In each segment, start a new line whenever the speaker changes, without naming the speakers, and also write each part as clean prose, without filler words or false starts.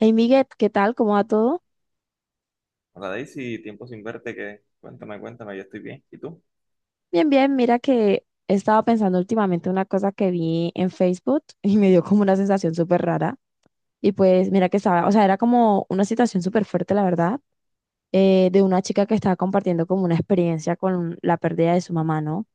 Hey Miguel, ¿qué tal? ¿Cómo va todo?
Hola Daisy, tiempo sin verte, cuéntame, yo estoy bien. ¿Y tú?
Bien, bien, mira que he estado pensando últimamente una cosa que vi en Facebook y me dio como una sensación súper rara. Y pues mira que estaba, o sea, era como una situación súper fuerte, la verdad, de una chica que estaba compartiendo como una experiencia con la pérdida de su mamá, ¿no?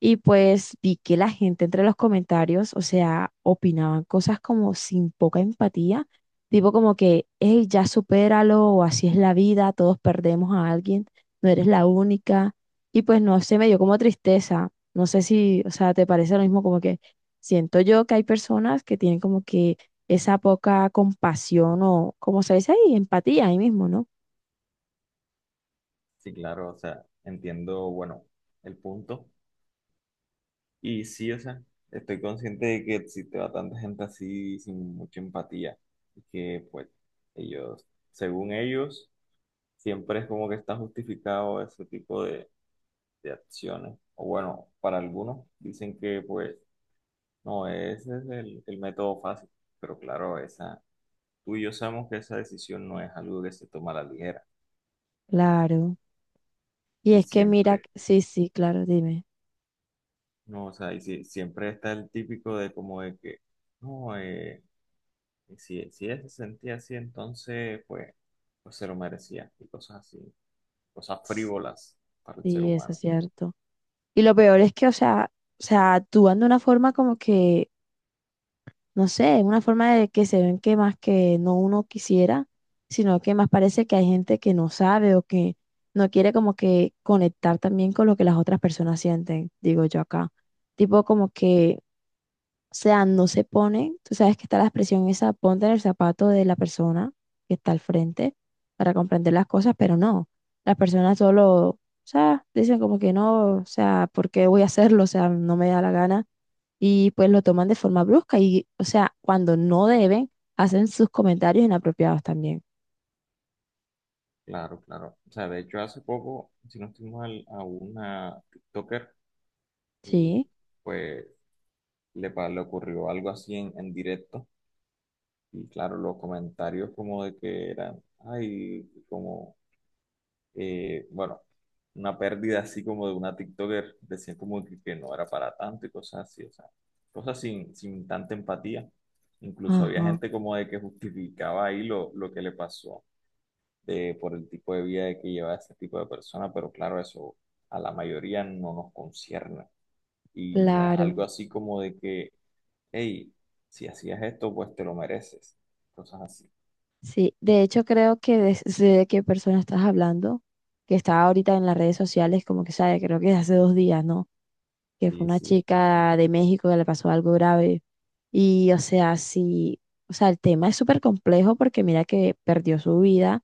Y pues vi que la gente entre los comentarios, o sea, opinaban cosas como sin poca empatía, tipo como que, hey, ya supéralo, o así es la vida, todos perdemos a alguien, no eres la única. Y pues no sé, me dio como tristeza. No sé si, o sea, te parece lo mismo, como que siento yo que hay personas que tienen como que esa poca compasión o, como se dice ahí, empatía ahí mismo, ¿no?
Sí, claro, o sea, entiendo, bueno, el punto. Y sí, o sea, estoy consciente de que existe bastante gente así sin mucha empatía. Y que pues ellos, según ellos, siempre es como que está justificado ese tipo de acciones. O bueno, para algunos dicen que pues no, ese es el método fácil. Pero claro, esa, tú y yo sabemos que esa decisión no es algo que se toma a la ligera.
Claro. Y
Y
es que mira,
siempre,
sí, sí, claro, dime.
no, o sea, siempre está el típico de como de que, no, si, si ella se sentía así, entonces, pues, pues se lo merecía, y cosas así, cosas frívolas para el ser
Sí, eso es
humano.
cierto. Y lo peor es que, o sea, actúan de una forma como que, no sé, una forma de que se ven que más que no uno quisiera, sino que más parece que hay gente que no sabe o que no quiere como que conectar también con lo que las otras personas sienten, digo yo acá. Tipo como que o sea, no se pone, tú sabes que está la expresión esa, ponte en el zapato de la persona que está al frente para comprender las cosas, pero no, las personas solo, o sea, dicen como que no, o sea, ¿por qué voy a hacerlo? O sea, no me da la gana y pues lo toman de forma brusca y, o sea, cuando no deben, hacen sus comentarios inapropiados también.
Claro, claro. O sea, de hecho, hace poco, si no estoy mal, a una TikToker, y
Sí,
pues le ocurrió algo así en directo, y claro, los comentarios como de que eran, ay, como bueno, una pérdida así como de una TikToker, decían como que no era para tanto y cosas así, o sea, cosas sin, sin tanta empatía. Incluso había
ajá,
gente como de que justificaba ahí lo que le pasó por el tipo de vida de que lleva este tipo de persona, pero claro, eso a la mayoría no nos concierne y no es
claro.
algo así como de que, hey, si hacías esto, pues te lo mereces, cosas así.
Sí, de hecho creo que sé de qué persona estás hablando, que está ahorita en las redes sociales, como que sabe, creo que hace 2 días, ¿no? Que fue
Sí,
una
sí,
chica
exactamente.
de México que le pasó algo grave. Y, o sea, sí, o sea, el tema es súper complejo porque mira que perdió su vida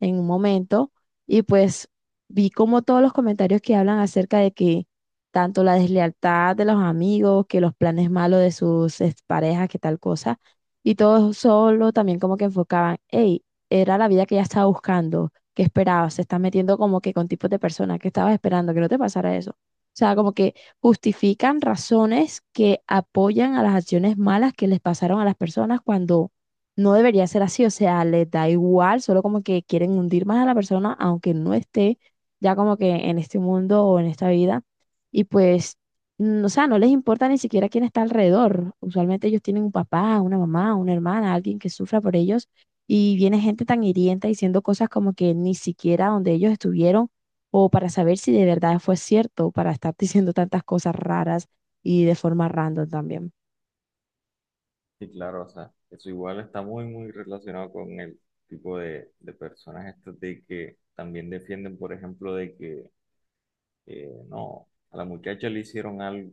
en un momento y pues vi como todos los comentarios que hablan acerca de que tanto la deslealtad de los amigos, que los planes malos de sus parejas que tal cosa. Y todo solo también como que enfocaban, hey, era la vida que ella estaba buscando, que esperaba, se está metiendo como que con tipos de personas que estabas esperando, que no te pasara eso. O sea, como que justifican razones que apoyan a las acciones malas que les pasaron a las personas cuando no debería ser así. O sea, les da igual, solo como que quieren hundir más a la persona, aunque no esté ya como que en este mundo o en esta vida. Y pues o sea, no les importa ni siquiera quién está alrededor. Usualmente ellos tienen un papá, una mamá, una hermana, alguien que sufra por ellos y viene gente tan hiriente diciendo cosas como que ni siquiera donde ellos estuvieron o para saber si de verdad fue cierto, para estar diciendo tantas cosas raras y de forma random también.
Sí, claro, o sea, eso igual está muy, muy relacionado con el tipo de personas estas de que también defienden, por ejemplo, de que no, a la muchacha le hicieron algo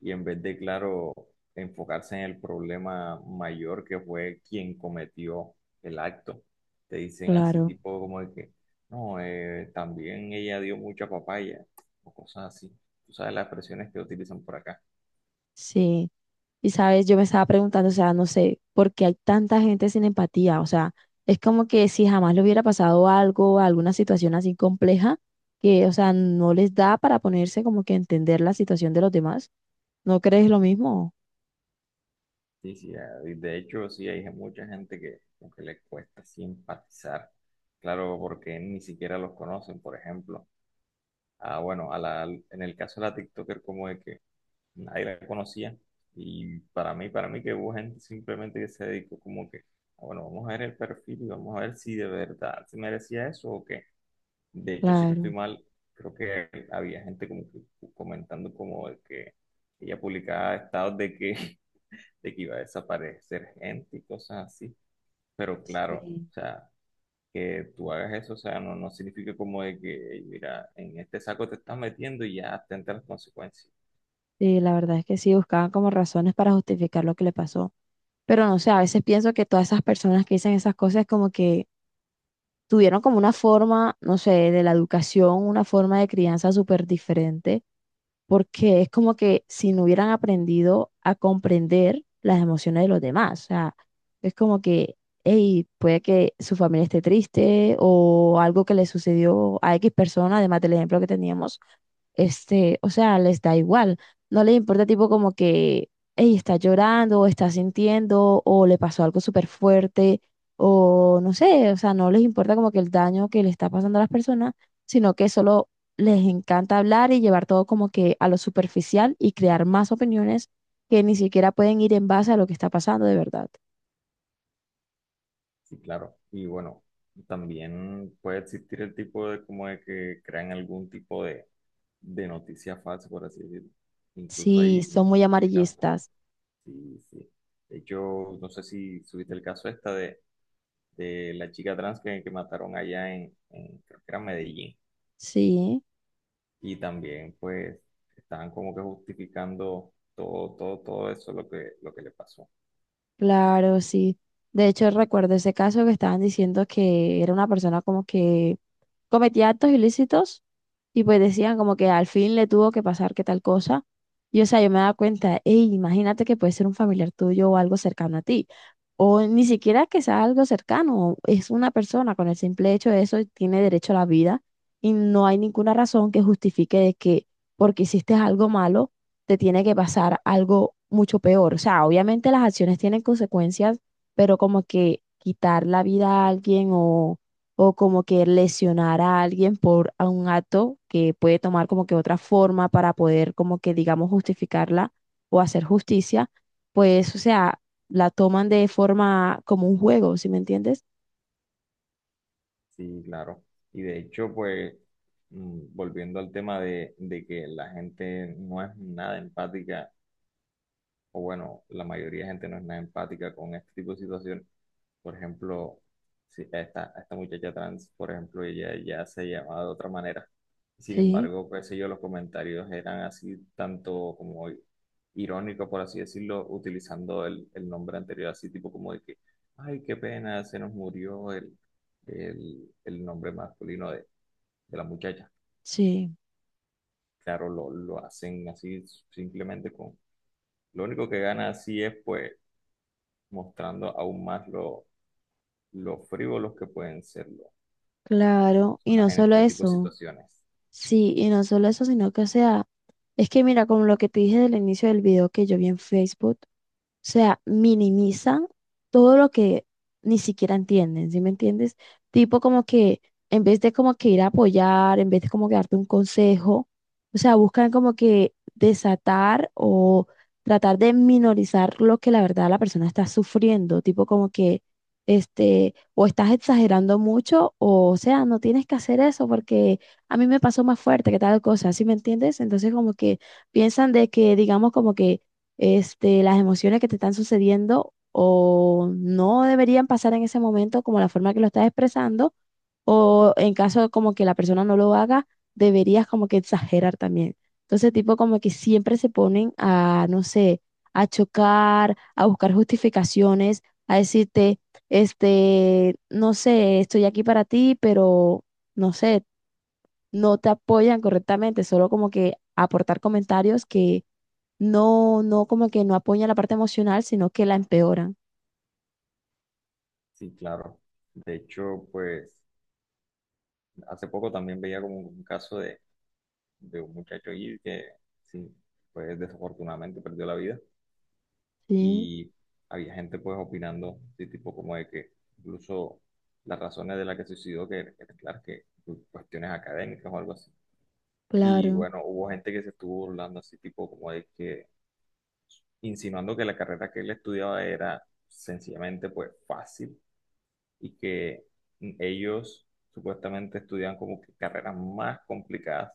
y en vez de, claro, enfocarse en el problema mayor que fue quien cometió el acto, te dicen así
Claro,
tipo como de que, no, también ella dio mucha papaya o cosas así. Tú sabes las expresiones que utilizan por acá.
sí. Y sabes, yo me estaba preguntando, o sea, no sé, ¿por qué hay tanta gente sin empatía? O sea, es como que si jamás le hubiera pasado algo, alguna situación así compleja, que, o sea, no les da para ponerse como que a entender la situación de los demás. ¿No crees lo mismo?
Sí, sí, y de hecho, sí, hay mucha gente que, como que le cuesta simpatizar, claro, porque ni siquiera los conocen, por ejemplo. Ah, bueno, a la, en el caso de la TikToker, como de que nadie la conocía, y para mí que hubo gente simplemente que se dedicó como que, ah, bueno, vamos a ver el perfil y vamos a ver si de verdad se merecía eso o qué. De hecho, si no estoy
Claro.
mal, creo que había gente como que comentando como de que ella publicaba estados de que iba a desaparecer gente y cosas así. Pero claro,
Sí,
o sea, que tú hagas eso, o sea, no, no significa como de que, "Ey, mira, en este saco te estás metiendo y ya atenta a las consecuencias".
sí, la verdad es que sí, buscaban como razones para justificar lo que le pasó. Pero no sé, a veces pienso que todas esas personas que dicen esas cosas como que tuvieron como una forma, no sé, de la educación, una forma de crianza súper diferente porque es como que si no hubieran aprendido a comprender las emociones de los demás, o sea, es como que, hey, puede que su familia esté triste o algo que le sucedió a X persona, además del ejemplo que teníamos este, o sea, les da igual, no les importa tipo como que, ella está llorando o está sintiendo o le pasó algo súper fuerte o no sé, o sea, no les importa como que el daño que le está pasando a las personas, sino que solo les encanta hablar y llevar todo como que a lo superficial y crear más opiniones que ni siquiera pueden ir en base a lo que está pasando de verdad.
Sí, claro. Y bueno, también puede existir el tipo de como de que crean algún tipo de noticia falsa, por así decirlo. Incluso
Sí,
ahí,
son muy
publican-
amarillistas,
sí, sí. De hecho, no sé si subiste el caso esta de la chica trans que mataron allá en, creo que era Medellín.
sí.
Y también pues estaban como que justificando todo, todo, todo eso lo que le pasó.
Claro, sí. De hecho, recuerdo ese caso que estaban diciendo que era una persona como que cometía actos ilícitos y pues decían como que al fin le tuvo que pasar que tal cosa. Y o sea, yo me daba cuenta, hey, imagínate que puede ser un familiar tuyo o algo cercano a ti. O ni siquiera que sea algo cercano, es una persona con el simple hecho de eso tiene derecho a la vida y no hay ninguna razón que justifique de que porque hiciste algo malo te tiene que pasar algo mucho peor. O sea, obviamente las acciones tienen consecuencias, pero como que quitar la vida a alguien o como que lesionar a alguien por a un acto que puede tomar como que otra forma para poder como que digamos justificarla o hacer justicia, pues o sea, la toman de forma como un juego, ¿sí me entiendes?
Sí, claro. Y de hecho pues volviendo al tema de que la gente no es nada empática o bueno, la mayoría de gente no es nada empática con este tipo de situación. Por ejemplo, si esta muchacha trans, por ejemplo, ella ya se llamaba de otra manera. Sin
Sí,
embargo, qué sé yo, los comentarios eran así, tanto como irónicos, por así decirlo, utilizando el nombre anterior, así tipo como de que, ay, qué pena, se nos murió el nombre masculino de la muchacha.
sí,
Claro, lo hacen así simplemente con... Lo único que gana así es pues mostrando aún más lo frívolos que pueden ser las
claro, y
personas
no
en
solo
este tipo de
eso,
situaciones.
sí, y no solo eso, sino que o sea, es que mira, como lo que te dije del inicio del video que yo vi en Facebook, o sea, minimizan todo lo que ni siquiera entienden, ¿sí me entiendes? Tipo como que en vez de como que ir a apoyar, en vez de como que darte un consejo, o sea, buscan como que desatar o tratar de minorizar lo que la verdad la persona está sufriendo, tipo como que este, o estás exagerando mucho o sea, no tienes que hacer eso porque a mí me pasó más fuerte que tal cosa, ¿sí me entiendes? Entonces como que piensan de que digamos como que este, las emociones que te están sucediendo o no deberían pasar en ese momento como la forma que lo estás expresando o en caso como que la persona no lo haga, deberías como que exagerar también. Entonces, tipo como que siempre se ponen a, no sé, a chocar, a buscar justificaciones, a decirte, este, no sé, estoy aquí para ti, pero no sé, no te apoyan correctamente, solo como que aportar comentarios que no como que no apoya la parte emocional, sino que la empeoran.
Sí, claro. De hecho, pues hace poco también veía como un caso de un muchacho ahí que, sí, pues desafortunadamente perdió la vida
Sí,
y había gente pues opinando, sí, tipo como de que incluso las razones de las que se suicidó, que claro, que cuestiones académicas o algo así. Y
claro.
bueno, hubo gente que se estuvo burlando así tipo como de que insinuando que la carrera que él estudiaba era sencillamente pues fácil y que ellos supuestamente estudian como que carreras más complicadas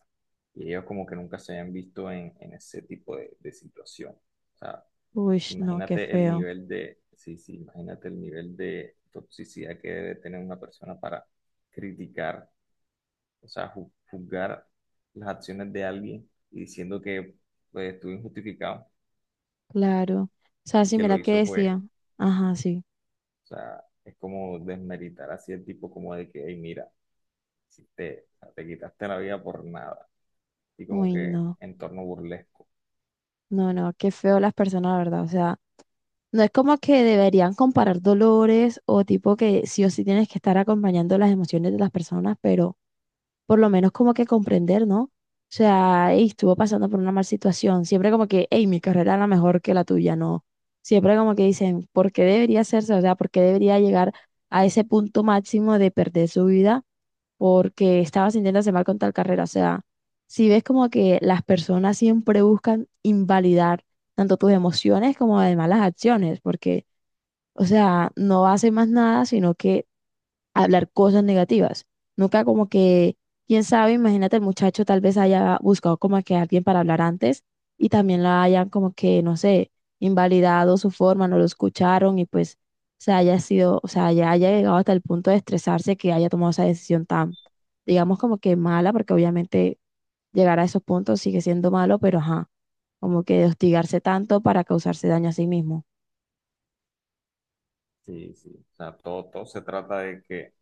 y ellos como que nunca se habían visto en ese tipo de situación. O sea,
Uy, no, qué
imagínate el
feo.
nivel de, sí, sí, imagínate el nivel de toxicidad que debe tener una persona para criticar, o sea, juzgar las acciones de alguien y diciendo que pues, estuvo injustificado
Claro. O sea,
y
sí,
que lo
mira qué
hizo pues...
decía. Ajá, sí.
O sea, es como desmeritar así el tipo como de que, hey, mira, si te, o sea, te quitaste la vida por nada. Y como
Uy,
que
no.
en torno burlesco.
No, no, qué feo las personas, la verdad. O sea, no es como que deberían comparar dolores o tipo que sí o sí tienes que estar acompañando las emociones de las personas, pero por lo menos como que comprender, ¿no? O sea, "Ey, estuvo pasando por una mala situación. Siempre como que, hey, mi carrera era mejor que la tuya, no. Siempre como que dicen, ¿por qué debería hacerse? O sea, ¿por qué debería llegar a ese punto máximo de perder su vida? Porque estaba sintiéndose mal con tal carrera. O sea, si ves como que las personas siempre buscan invalidar tanto tus emociones como además las acciones, porque, o sea, no hacen más nada, sino que hablar cosas negativas. Nunca como que, quién sabe, imagínate el muchacho tal vez haya buscado como que alguien para hablar antes y también la hayan como que, no sé, invalidado su forma, no lo escucharon y pues se haya sido, o sea, ya haya llegado hasta el punto de estresarse que haya tomado esa decisión tan, digamos como que mala, porque obviamente llegar a esos puntos sigue siendo malo, pero ajá, como que de hostigarse tanto para causarse daño a sí mismo.
Sí, sí. O sea, todo, todo se trata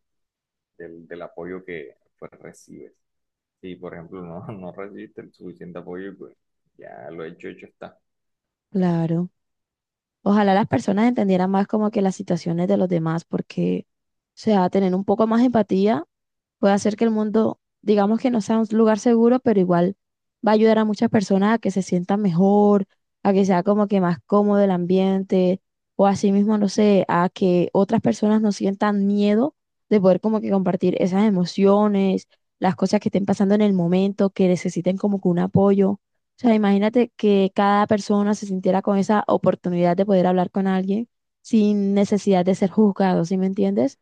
del, del apoyo que pues, recibes. Si, por ejemplo, no, no recibiste el suficiente apoyo, pues ya lo hecho, hecho está.
Claro. Ojalá las personas entendieran más como que las situaciones de los demás, porque, o sea, tener un poco más de empatía puede hacer que el mundo, digamos que no sea un lugar seguro, pero igual va a ayudar a muchas personas a que se sientan mejor, a que sea como que más cómodo el ambiente, o así mismo, no sé, a que otras personas no sientan miedo de poder como que compartir esas emociones, las cosas que estén pasando en el momento, que necesiten como que un apoyo. O sea, imagínate que cada persona se sintiera con esa oportunidad de poder hablar con alguien sin necesidad de ser juzgado, ¿sí me entiendes?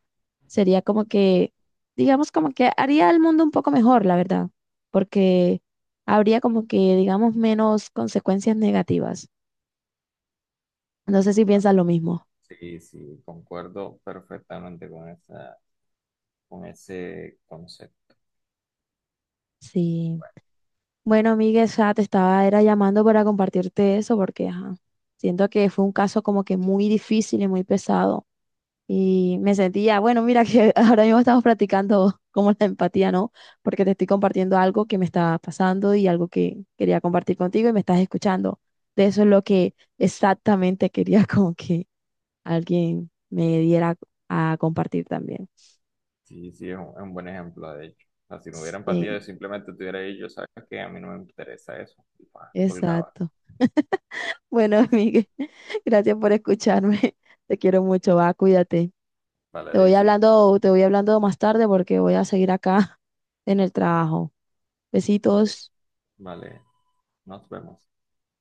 Sería como que, digamos, como que haría el mundo un poco mejor, la verdad, porque habría como que, digamos, menos consecuencias negativas. No sé si
Ma-
piensas lo mismo.
Sí, sí, concuerdo perfectamente con esa, con ese concepto.
Sí. Bueno, amiga, ya te estaba era llamando para compartirte eso porque, ajá, siento que fue un caso como que muy difícil y muy pesado. Y me sentía, bueno, mira que ahora mismo estamos practicando como la empatía, ¿no? Porque te estoy compartiendo algo que me está pasando y algo que quería compartir contigo y me estás escuchando. De eso es lo que exactamente quería como que alguien me diera a compartir también.
Sí, sí, es un buen ejemplo, de hecho. O sea, si no hubiera empatía, yo
Sí,
simplemente tuviera hubiera dicho, ¿sabes qué? A mí no me interesa eso. Y pa, colgaba.
exacto. Bueno, Miguel, gracias por escucharme. Te quiero mucho, va, cuídate.
Vale,
Te voy
Daisy.
hablando, te voy hablando más tarde porque voy a seguir acá en el trabajo.
Ok,
Besitos.
vale. Nos vemos.